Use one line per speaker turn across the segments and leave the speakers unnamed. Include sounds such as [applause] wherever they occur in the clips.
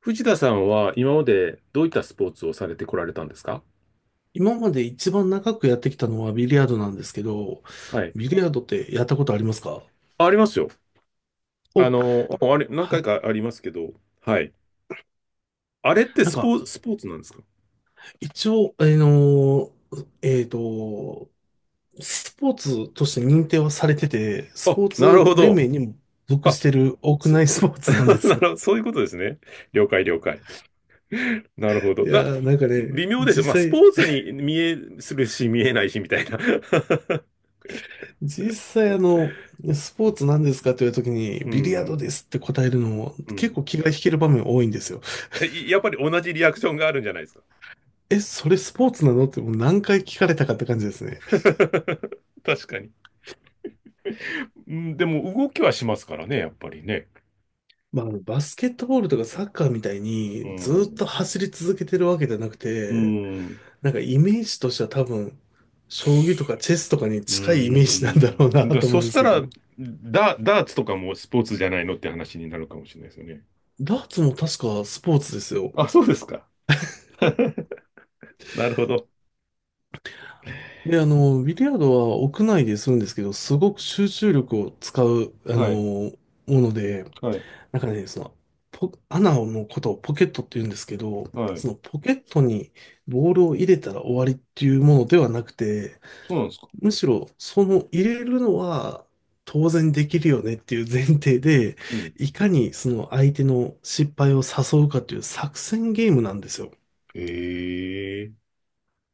藤田さんは今までどういったスポーツをされてこられたんですか？
今まで一番長くやってきたのはビリヤードなんですけど、
はい。
ビリヤードってやったことありますか？
あ、ありますよ。
お、
あれ、何
は
回
い。
かありますけど、はい。あれって
なん
スポ
か、
ーツ、スポーツなんですか？
一応、スポーツとして認定はされてて、ス
あ、
ポー
なる
ツ
ほ
連
ど。
盟にも属し
あ、
てる屋
そ、
内スポー
[laughs] な
ツなんで
る
す
ほ
よ。
ど、そういうことですね。了解、了解。なるほ
[laughs]
ど。
いやー、なんか
微
ね、
妙ですよ。まあ、
実
スポ
際、
ーツに見え、するし、見えないし、みたいな。[laughs]
実際スポーツなんですかというときに、
う
ビリヤード
ん、
ですって答えるのも
う
結
ん。
構気が引ける場面多いんですよ。
やっぱり同じリアクションがあるんじゃないですか？
え、それスポーツなのってもう何回聞かれたかって感じですね。
[laughs] 確かに。うん、でも動きはしますからね、やっぱりね。
まあ、あのバスケットボールとかサッカーみたい
う
にずっと
ん。
走り続けてるわけじゃなく
う
て、
ん。
なんかイメージとしては多分、将棋とかチェスとかに
う
近いイメージなんだ
ん。
ろうなと思
そ
うんで
し
す
た
けど、
ら、ダーツとかもスポーツじゃないのって話になるかもしれないですよね。
ダーツも確かスポーツですよ。
あ、そうですか。[laughs] なるほど。
で、ビリヤードは屋内でするんですけど、すごく集中力を使う
はい。
もので、
はい。
なんかね、穴のことをポケットって言うんですけど、
はい。
そのポケットにボールを入れたら終わりっていうものではなくて、
そうなんですか？
むしろ、その入れるのは当然できるよねっていう前提で、
うん。
いかにその相手の失敗を誘うかという作戦ゲームなんですよ。
へえ。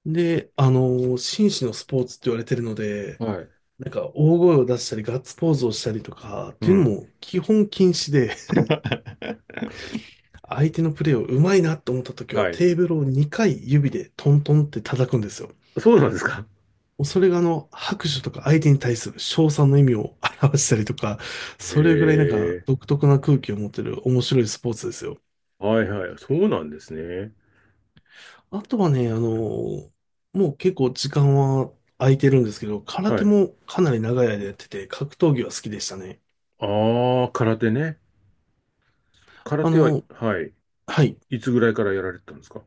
で、紳士のスポーツって言われてるので、
はい。
なんか大声を出したりガッツポーズをしたりとかっ
う
ていうの
ん。
も基本禁止で、
[laughs]
相手のプレーをうまいなと思った時は
はい。
テーブルを2回指でトントンって叩くんですよ。
そうなんですか？
それが拍手とか相手に対する称賛の意味を表したりとか、
へ
それぐらいなんか
え。
独特な空気を持ってる面白いスポーツですよ。
はいはい。そうなんですね。
あとはね、もう結構時間は空いてるんですけど、空
は
手
い。
もかなり長い間やってて、格闘技は好きでしたね。
ああ、空手ね。空
あ
手は、
の、
はい。
はい。
いつぐらいからやられてたんですか？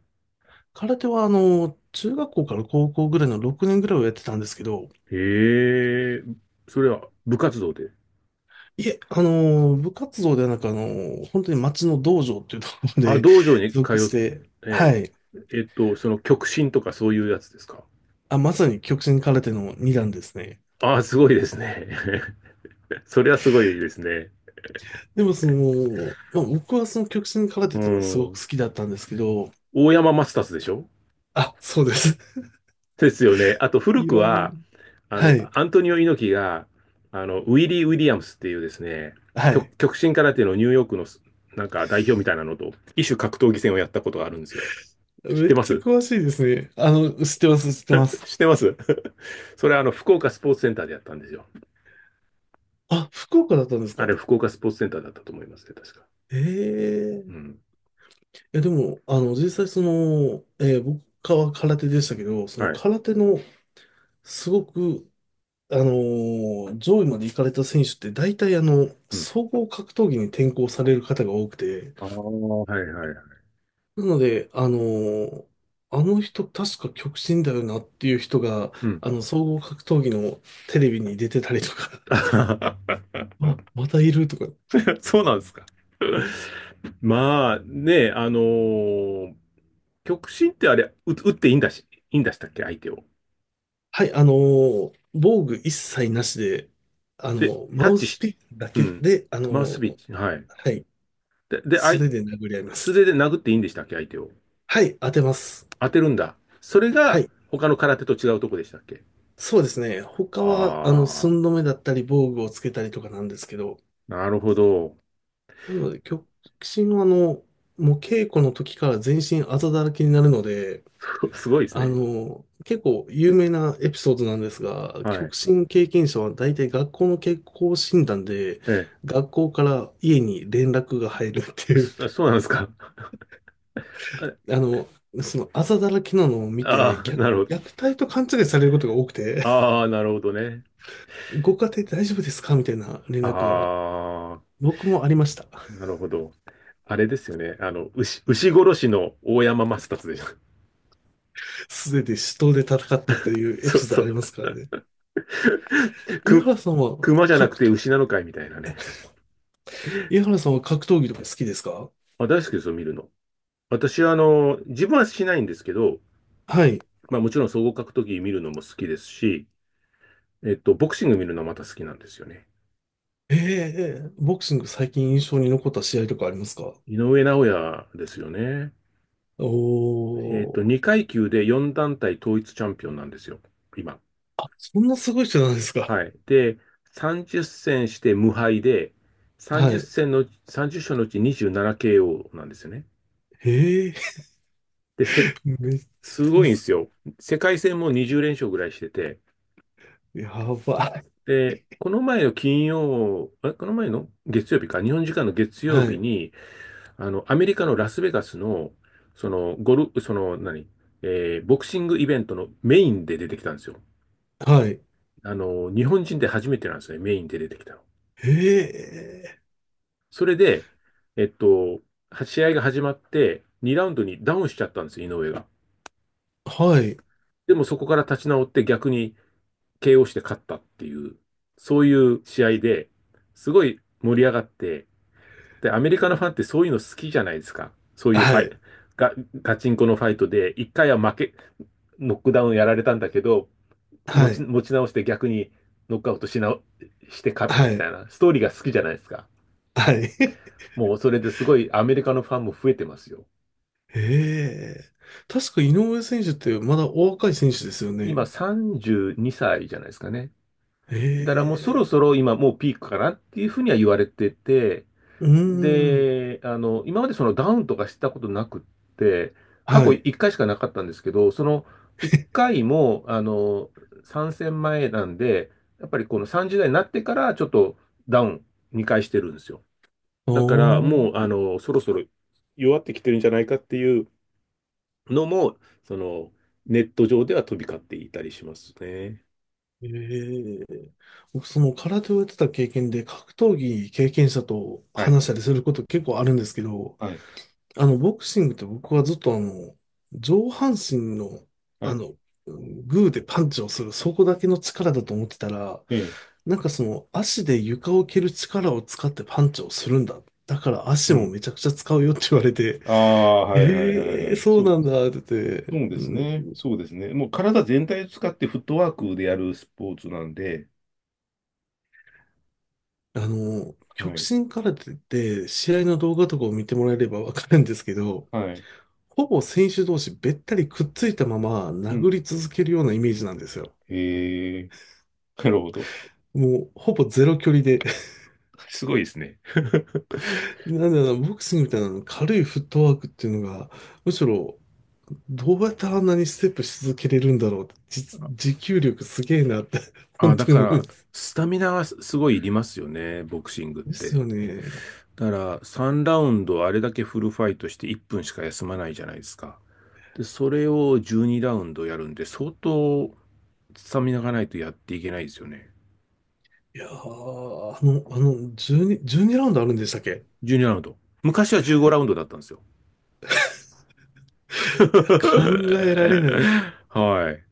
空手は中学校から高校ぐらいの6年ぐらいをやってたんですけど、
へえ、それは部活動で。
いえ、部活動ではなく、本当に町の道場っていうところま
あ、
で
道場に
属
通
し
って、
て、はい。
その極真とかそういうやつですか？
あ、まさに極真空手の2段ですね。
ああ、すごいですね。[laughs] それはすごいですね。
でもまあ、僕はその極真空手
う
っていうのがすご
ん。
く好きだったんですけど、
大山マスターズでしょ？
あ、そうです。
ですよね。あと
[laughs]
古
い
く
ろ
は、
ん、はい、
アントニオ猪木が、ウィリー・ウィリアムスっていうですね、
は
極、
い。
極真空手のニューヨークのなんか代表みたいなのと、異種格闘技戦をやったことがあるんですよ。知っ
め
て
っ
ま
ちゃ
す。
詳しいですね。知ってます、知ってま
[laughs]
す。
知ってます。 [laughs] それは福岡スポーツセンターでやったんですよ。
あ、福岡だったんです
あ
か。
れ、福岡スポーツセンターだったと思いますね、確か。
ええ、
うん。
いや、でも、実際僕は空手でしたけど、その
はい。
空手のすごく、あの上位まで行かれた選手って大体
うん。
総合格闘技に転向される方が多くて、
ああ、はいはいはい。
なので、あの人確か極真だよなっていう人が、
うん。
総合格闘技のテレビに出てたりとか、[laughs] あ、
[laughs]
またいるとか。
そうなんですか？[laughs] まあ、ね極真ってあれ、打っていいんだしたっけ、相手を。
はい、防具一切なしで、
で、
マ
タッ
ウ
チ
ス
し、
ピックだ
う
け
ん。
で、
マウスビッチ、はい。
はい、
で、で、あ
素
い、
手で殴り合いま
素
す。
手で殴っていいんでしたっけ、相手を？
はい、当てます。
当てるんだ。それ
は
が、
い、
他の空手と違うとこでしたっけ？
そうですね。他は、
ああ、
寸止めだったり、防具をつけたりとかなんですけど、
なるほど。
なので、極真は、もう稽古の時から全身あざだらけになるので、
[laughs] すごいですね。
結構有名なエピソードなんですが、
はい。
極真経験者は大体学校の健康診断で、
え
学校から家に連絡が入るって
え。
いう、
そうなんですか？
[laughs] あの、そのあざだらけなのを見て、
ああー、なるほど。
虐待と勘違いされることが多くて、
ああ、なるほどね。
[laughs] ご家庭大丈夫ですかみたいな連
あ
絡が
あ、
僕もありました。
なるほど。あれですよね。牛殺しの大山マ達でしょ？
[laughs] すでに死闘で戦ったと
[laughs]
いうエピ
そう
ソード
そ
あ
う。
りますからね。井
く、
原さんは
熊じゃなく
格、
て牛なのかいみたいなね。
井原さんは格闘技とか好きですか？
あ、大好きですよ、見るの。私は、自分はしないんですけど、
はい。
まあもちろん総合格闘技見るのも好きですし、ボクシング見るのまた好きなんですよね。
ええ、ボクシング最近印象に残った試合とかありますか？
井上尚弥ですよね。
おー、
2階級で4団体統一チャンピオンなんですよ、今。
そんなすごい人なんですか？
はい。で、30戦して無敗で、
は
30
い。
戦の、30勝のうち 27KO ななケーオーなんですよね。
ええ。
で、
[laughs] めっ
す
ちゃ
ごいんで
す
すよ。世界戦も20連勝ぐらいしてて、
ごい。やば
で、この前の金曜、あれこの前の月曜日か、日本時間の月
い。は
曜日
い。
に、アメリカのラスベガスの、その、ゴル、その、何、えーボクシングイベントのメインで出てきたんですよ。
はい。
日本人で初めてなんですね、メインで出てきたの。
ええ、
それで、えっと、試合が始まって、2ラウンドにダウンしちゃったんですよ、井上が。
はい。
でもそこから立ち直って逆に KO して勝ったっていう、そういう試合で、すごい盛り上がって、で、アメリカのファンってそういうの好きじゃないですか。そういう
は
ファイ、
い。
ガ、ガチンコのファイトで、1回は負け、ノックダウンやられたんだけど、持
は
ち、
い。
持ち直して逆にノックアウトして勝った
は
みた
い。
いな、ストーリーが好きじゃないですか。
はい。[laughs]
もうそれですごいアメリカのファンも増えてますよ。
ええ、確か井上選手ってまだお若い選手ですよね。
今32歳じゅうにさいじゃないですかね。
え
だからもうそろ
え。
そろ今もうピークかなっていうふうには言われてて、
うーん。
で、今までそのダウンとかしたことなくって、過
は
去
い。
1回しかなかったんですけど、その1回も、参戦前なんで、やっぱりこの30代になってからちょっとダウン2回してるんですよ。
お
だから
ー。
もう、そろそろ弱ってきてるんじゃないかっていうのも、その、ネット上では飛び交っていたりしますね。
ええ、僕、その空手をやってた経験で、格闘技経験者と
はい、
話したりすること結構あるんですけど、
はい、
ボクシングって僕はずっと上半身の、
は
あ
い。
の、グーでパンチをする、そこだけの力だと思ってたら、
ええ、
なんか足で床を蹴る力を使ってパンチをするんだ。だから足
う
も
ん。
めちゃくちゃ使うよって言われて、
ああ、はいはいはい
え
は
え、
い。
そう
そう、
なんだって言って、
そうで
う
すね。
ん。
そうですね。もう体全体を使ってフットワークでやるスポーツなんで、は
極
い、
真空手って試合の動画とかを見てもらえればわかるんですけど、
はい。
ほぼ選手同士べったりくっついたまま
う
殴
ん。
り続けるようなイメージなんですよ。
へえ、なるほど。
もうほぼゼロ距離で。[laughs]
すごいですね。[laughs]
なんだろうな、ボクシングみたいなの軽いフットワークっていうのが、むしろどうやったらあんなにステップし続けれるんだろう、じ持久力すげえなって、[laughs] 本
あ、だ
当に
か
思うん
ら、
です。
スタミナはすごいいりますよね、ボクシングっ
です
て。
よね。
だから3ラウンドあれだけフルファイトして1分しか休まないじゃないですか。で、それを12ラウンドやるんで、相当スタミナがないとやっていけないですよね。
いやー、12、12ラウンドあるんでしたっけ？
12ラウンド。昔は15ラウンドだったんですよ。
いや、考えられない。
[laughs] はい。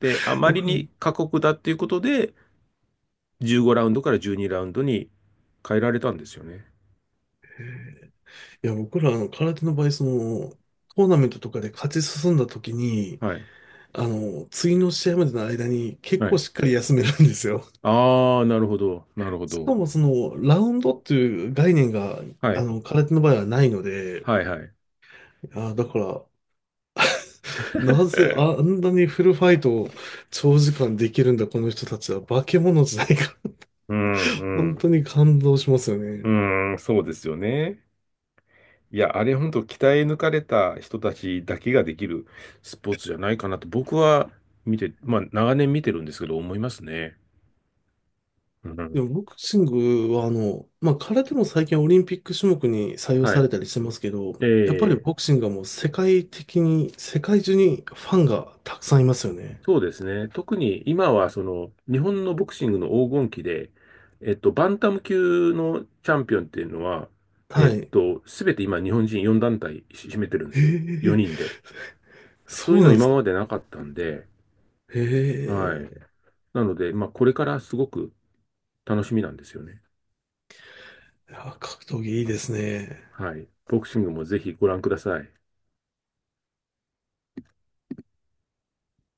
で、あ
[laughs]
まり
僕ら
に過酷だっていうことで、15ラウンドから12ラウンドに変えられたんですよね。
僕ら、空手の場合、その、トーナメントとかで勝ち進んだ時に、
はい。
次の試合までの間に結
は
構
い。
しっかり休めるんですよ。
ああ、なるほど。なるほ
[laughs] しか
ど。
も、その、ラウンドっていう概念が、
はい。
空手の場合はないので、
はい、はい。
あ、だから、なぜあ
[laughs]
んなにフルファイトを長時間できるんだ、この人たちは。化け物じゃないか。
うん、
[laughs]
う
本
ん。
当に感動しますよ
う
ね。
ーん、そうですよね。いや、あれ本当鍛え抜かれた人たちだけができるスポーツじゃないかなと僕は見て、まあ長年見てるんですけど思いますね。う
で
ん、
もボクシングはまあ、空手も最近オリンピック種目に採用
は
され
い。
たりしてますけど、
え
やっぱり
え、
ボクシングはもう世界的に、世界中にファンがたくさんいますよね。
そうですね。特に今はその日本のボクシングの黄金期で、バンタム級のチャンピオンっていうのは、
はい。
すべて今日本人4団体し占めてるんで
え
すよ。
え、
4人で。そう
そ
いう
う
の
なんで
今
すか。
までなかったんで、はい。
ええ、
なので、まあこれからすごく楽しみなんですよね。
いや格闘技いいですね。
はい。ボクシングもぜひご覧ください。